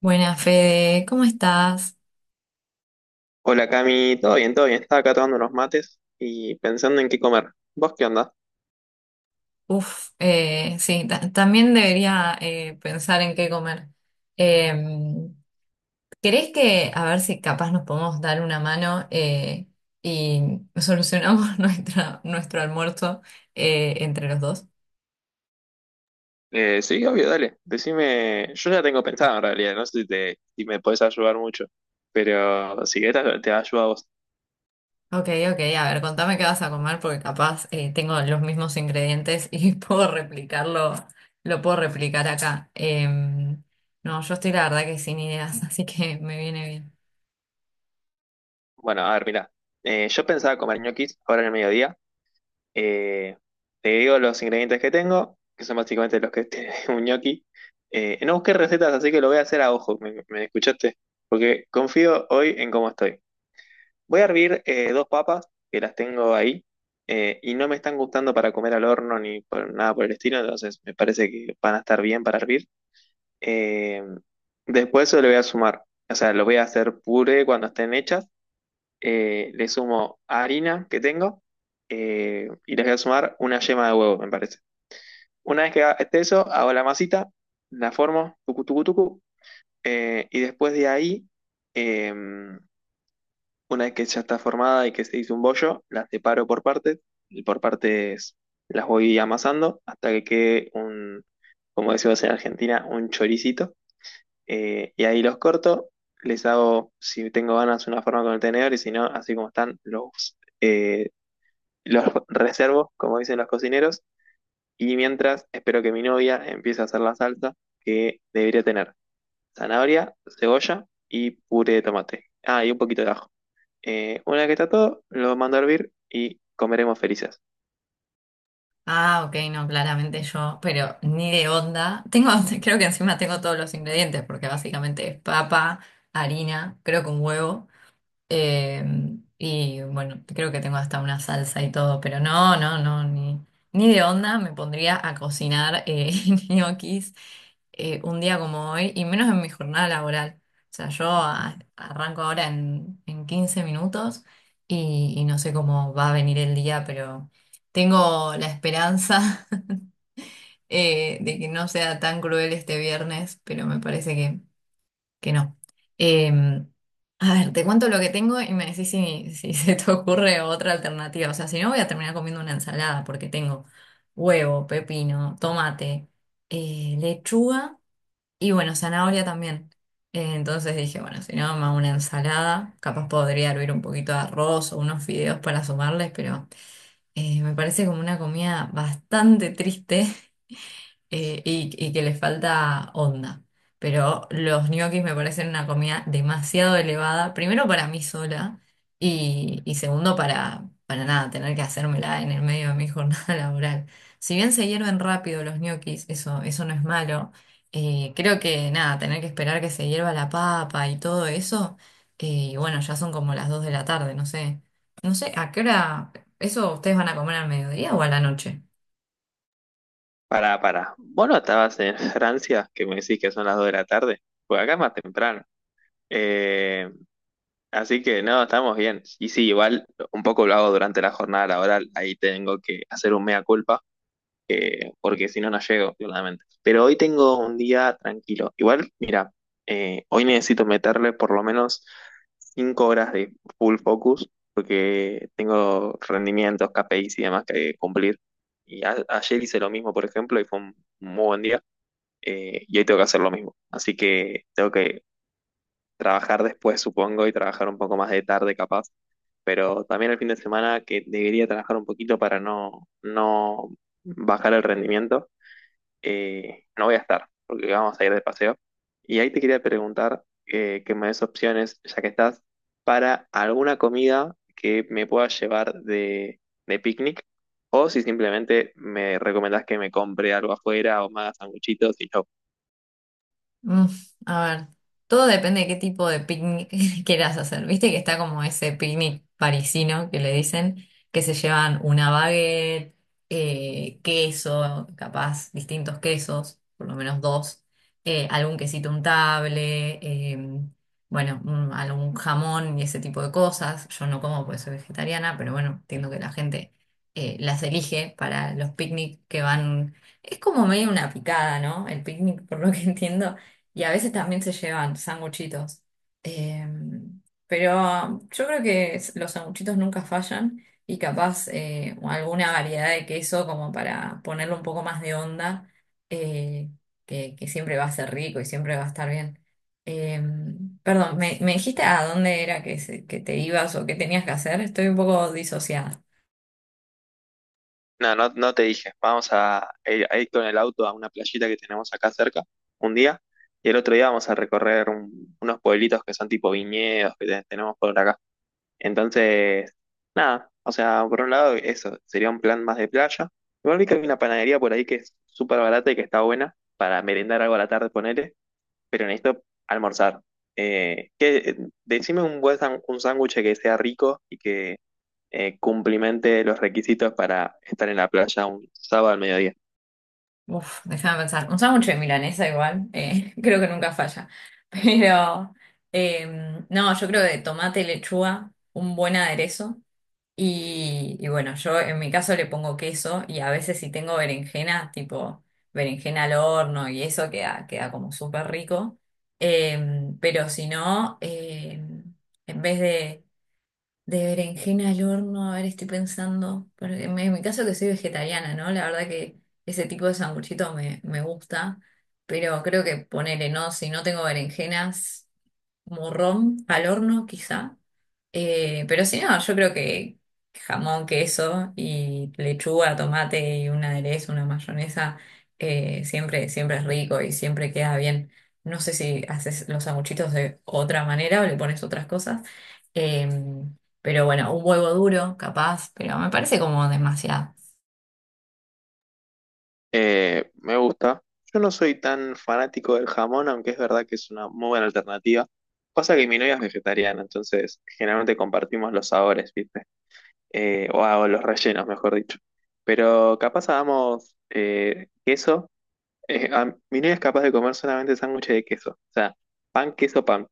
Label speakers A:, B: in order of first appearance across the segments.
A: Buenas, Fede, ¿cómo estás?
B: Hola Cami, todo bien, todo bien. Estaba acá tomando unos mates y pensando en qué comer. ¿Vos qué onda?
A: Uf, sí, también debería pensar en qué comer. Em, ¿Querés que, a ver si capaz nos podemos dar una mano y solucionamos nuestro almuerzo entre los dos?
B: Sí, obvio, dale. Decime, yo ya tengo pensado en realidad, no sé si me podés ayudar mucho, pero si querés te ayudo a vos.
A: Ok, ok, a ver, contame qué vas a comer porque capaz tengo los mismos ingredientes y lo puedo replicar acá. No, yo estoy la verdad que sin ideas, así que me viene bien.
B: Bueno, a ver, mirá. Yo pensaba comer ñoquis ahora en el mediodía. Eh, Te digo los ingredientes que tengo, que son básicamente los que tiene un ñoqui. No busqué recetas, así que lo voy a hacer a ojo, me escuchaste? Porque confío hoy en cómo estoy. Voy a hervir dos papas que las tengo ahí y no me están gustando para comer al horno ni nada por el estilo, entonces me parece que van a estar bien para hervir. Eh, Después se le voy a sumar, o sea, lo voy a hacer puré cuando estén hechas. Le sumo harina que tengo y les voy a sumar una yema de huevo, me parece. Una vez que esté eso, hago la masita, la formo, tucu, tucu, tucu, y después de ahí. em, una vez que ya está formada y que se hizo un bollo, las separo por partes y por partes las voy amasando hasta que quede un, como decimos en Argentina, un choricito. Y ahí los corto, les hago, si tengo ganas, una forma con el tenedor y si no, así como están, los reservo, como dicen los cocineros. Y mientras, espero que mi novia empiece a hacer la salsa que debería tener zanahoria, cebolla y puré de tomate. Ah, y un poquito de ajo. Una que está todo, lo mando a hervir y comeremos felices.
A: Ah, ok, no, claramente yo, pero ni de onda. Creo que encima tengo todos los ingredientes, porque básicamente es papa, harina, creo que un huevo. Eh, y bueno, creo que tengo hasta una salsa y todo, pero no, no, no, ni de onda me pondría a cocinar ñoquis un día como hoy y menos en mi jornada laboral. O sea, yo arranco ahora en 15 minutos y no sé cómo va a venir el día, pero tengo la esperanza de que no sea tan cruel este viernes, pero me parece que no. Em, a ver, te cuento lo que tengo y me decís si se te ocurre otra alternativa. O sea, si no, voy a terminar comiendo una ensalada porque tengo huevo, pepino, tomate, lechuga y bueno, zanahoria también. Entonces dije, bueno, si no, me hago una ensalada. Capaz podría hervir un poquito de arroz o unos fideos para sumarles, pero me parece como una comida bastante triste y que les falta onda. Pero los ñoquis me parecen una comida demasiado elevada, primero para mí sola y segundo para nada, tener que hacérmela en el medio de mi jornada laboral. Si bien se hierven rápido los ñoquis, eso no es malo, creo que nada, tener que esperar que se hierva la papa y todo eso, y bueno, ya son como las 2 de la tarde, no sé, ¿a qué hora eso ustedes van a comer al mediodía o a la noche?
B: Pará, pará. ¿Vos no estabas en Francia, que me decís que son las 2 de la tarde? Pues acá es más temprano. Eh, Así que no, estamos bien. Y sí, igual un poco lo hago durante la jornada laboral. Ahí tengo que hacer un mea culpa, porque si no, no llego, claramente. Pero hoy tengo un día tranquilo. Igual, mira, hoy necesito meterle por lo menos cinco horas de full focus porque tengo rendimientos, KPIs y demás que cumplir. Y ayer hice lo mismo, por ejemplo, y fue un muy buen día. Y hoy tengo que hacer lo mismo. Así que tengo que trabajar después, supongo, y trabajar un poco más de tarde, capaz. Pero también el fin de semana que debería trabajar un poquito para no bajar el rendimiento no voy a estar, porque vamos a ir de paseo. Y ahí te quería preguntar que me des opciones, ya que estás, para alguna comida que me pueda llevar de picnic, o si simplemente me recomendás que me compre algo afuera o me haga sanguchitos y yo.
A: Mm, a ver, todo depende de qué tipo de picnic quieras hacer. Viste que está como ese picnic parisino que le dicen, que se llevan una baguette, queso, capaz distintos quesos, por lo menos dos, algún quesito untable, bueno, algún jamón y ese tipo de cosas. Yo no como porque soy vegetariana, pero bueno, entiendo que la gente las elige para los picnic que van. Es como medio una picada, ¿no? El picnic, por lo que entiendo. Y a veces también se llevan sanguchitos. Pero yo creo que los sanguchitos nunca fallan y capaz alguna variedad de queso como para ponerle un poco más de onda, eh, que siempre va a ser rico y siempre va a estar bien. Perdón, me dijiste a dónde era que te ibas o qué tenías que hacer? Estoy un poco disociada.
B: No, no, no te dije, vamos a ir con el auto a una playita que tenemos acá cerca un día, y el otro día vamos a recorrer unos pueblitos que son tipo viñedos que tenemos por acá. Entonces, nada, o sea, por un lado eso, sería un plan más de playa. Igual vi que hay una panadería por ahí que es súper barata y que está buena para merendar algo a la tarde, ponele, pero necesito almorzar. Eh, que, decime un buen un sándwich que sea rico y que cumplimente los requisitos para estar en la playa un sábado al mediodía.
A: Uf, déjame pensar. Un sándwich de milanesa igual, creo que nunca falla. Pero no, yo creo de tomate, lechuga, un buen aderezo. Y bueno, yo en mi caso le pongo queso y a veces si tengo berenjena, tipo berenjena al horno y eso queda como súper rico. Pero si no, en vez de berenjena al horno, a ver, estoy pensando, porque en mi caso que soy vegetariana, ¿no? La verdad que ese tipo de sanguchito me gusta, pero creo que ponele, no, si no tengo berenjenas morrón al horno, quizá. Pero si no, yo creo que jamón, queso y lechuga, tomate y un aderezo, una mayonesa, siempre es rico y siempre queda bien. No sé si haces los sanguchitos de otra manera o le pones otras cosas. Eh, pero bueno, un huevo duro, capaz, pero me parece como demasiado.
B: Me gusta. Yo no soy tan fanático del jamón, aunque es verdad que es una muy buena alternativa. Pasa que mi novia es vegetariana, entonces generalmente compartimos los sabores, ¿viste? O hago los rellenos, mejor dicho. Pero capaz hagamos queso. Mi novia es capaz de comer solamente sándwiches de queso. O sea, pan, queso, pan.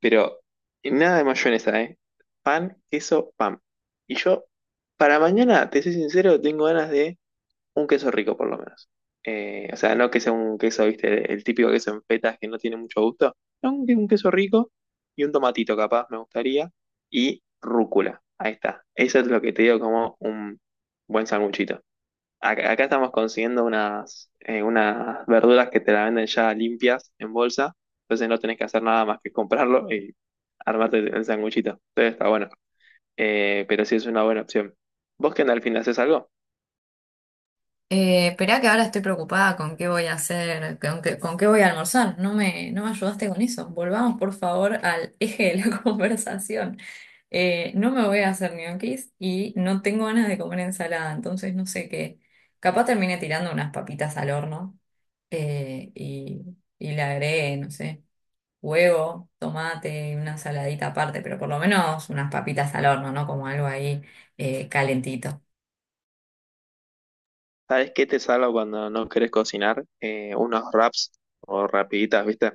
B: Pero nada de mayonesa, ¿eh? Pan, queso, pan. Y yo, para mañana, te soy sincero, tengo ganas de un queso rico por lo menos. O sea, no que sea un queso, viste, el típico queso en fetas que no tiene mucho gusto. No, un queso rico y un tomatito capaz me gustaría. Y rúcula. Ahí está. Eso es lo que te digo como un buen sanguchito. Acá estamos consiguiendo unas, unas verduras que te la venden ya limpias en bolsa. Entonces no tenés que hacer nada más que comprarlo y armarte el sanguchito. Entonces está bueno. Pero sí es una buena opción. ¿Vos qué onda al fin haces algo?
A: Esperá que ahora estoy preocupada con qué voy a hacer, con qué voy a almorzar. No me ayudaste con eso. Volvamos, por favor, al eje de la conversación. No me voy a hacer ñoquis y no tengo ganas de comer ensalada, entonces no sé qué. Capaz termine tirando unas papitas al horno eh, y, y le agregué, no sé, huevo, tomate, y una saladita aparte, pero por lo menos unas papitas al horno, ¿no? Como algo ahí calentito.
B: ¿Sabes qué te salva cuando no querés cocinar? Unos wraps o rapiditas, ¿viste?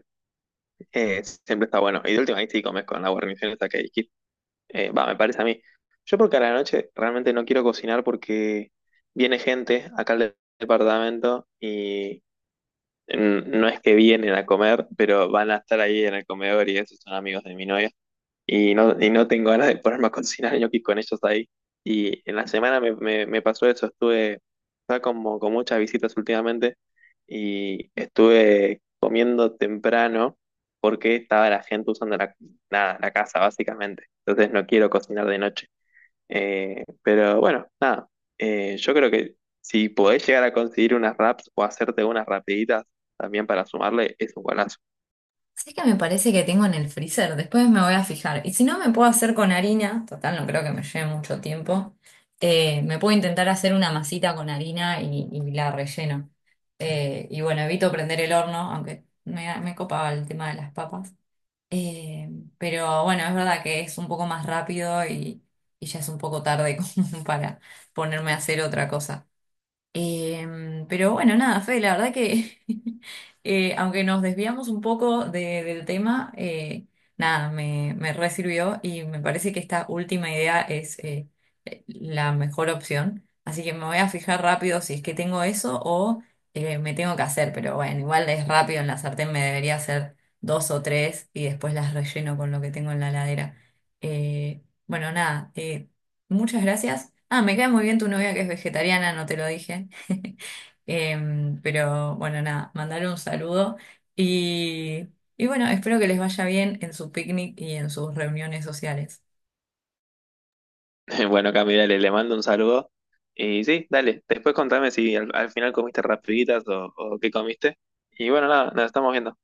B: Siempre está bueno. Y de última ahí sí comes con la guarnición esta que dijiste. Me parece a mí. Yo porque a la noche realmente no quiero cocinar porque viene gente acá al departamento y no es que vienen a comer, pero van a estar ahí en el comedor y esos son amigos de mi novia. Y no tengo ganas de ponerme a cocinar ñoquis con ellos ahí. Y en la semana me pasó eso, estuve, estaba como con muchas visitas últimamente y estuve comiendo temprano porque estaba la gente usando la, nada, la casa básicamente. Entonces no quiero cocinar de noche. Pero bueno, nada, yo creo que si podés llegar a conseguir unas wraps o hacerte unas rapiditas también para sumarle, es un golazo.
A: Sí que me parece que tengo en el freezer, después me voy a fijar. Y si no, me puedo hacer con harina, total, no creo que me lleve mucho tiempo. Me puedo intentar hacer una masita con harina y la relleno. Y bueno, evito prender el horno, aunque me copaba el tema de las papas. Eh, pero bueno, es verdad que es un poco más rápido y ya es un poco tarde como para ponerme a hacer otra cosa. Pero bueno, nada, Fe, la verdad que aunque nos desviamos un poco del tema, nada, me re sirvió y me parece que esta última idea es la mejor opción. Así que me voy a fijar rápido si es que tengo eso o me tengo que hacer, pero bueno, igual es rápido en la sartén, me debería hacer dos o tres y después las relleno con lo que tengo en la heladera. Bueno, nada, muchas gracias. Ah, me cae muy bien tu novia que es vegetariana, no te lo dije. Pero bueno, nada, mandar un saludo y, y bueno, espero que les vaya bien en su picnic y en sus reuniones sociales.
B: Bueno, Cami, dale, le mando un saludo. Y sí, dale, después contame si al final comiste rapiditas o qué comiste. Y bueno, nada, nos estamos viendo.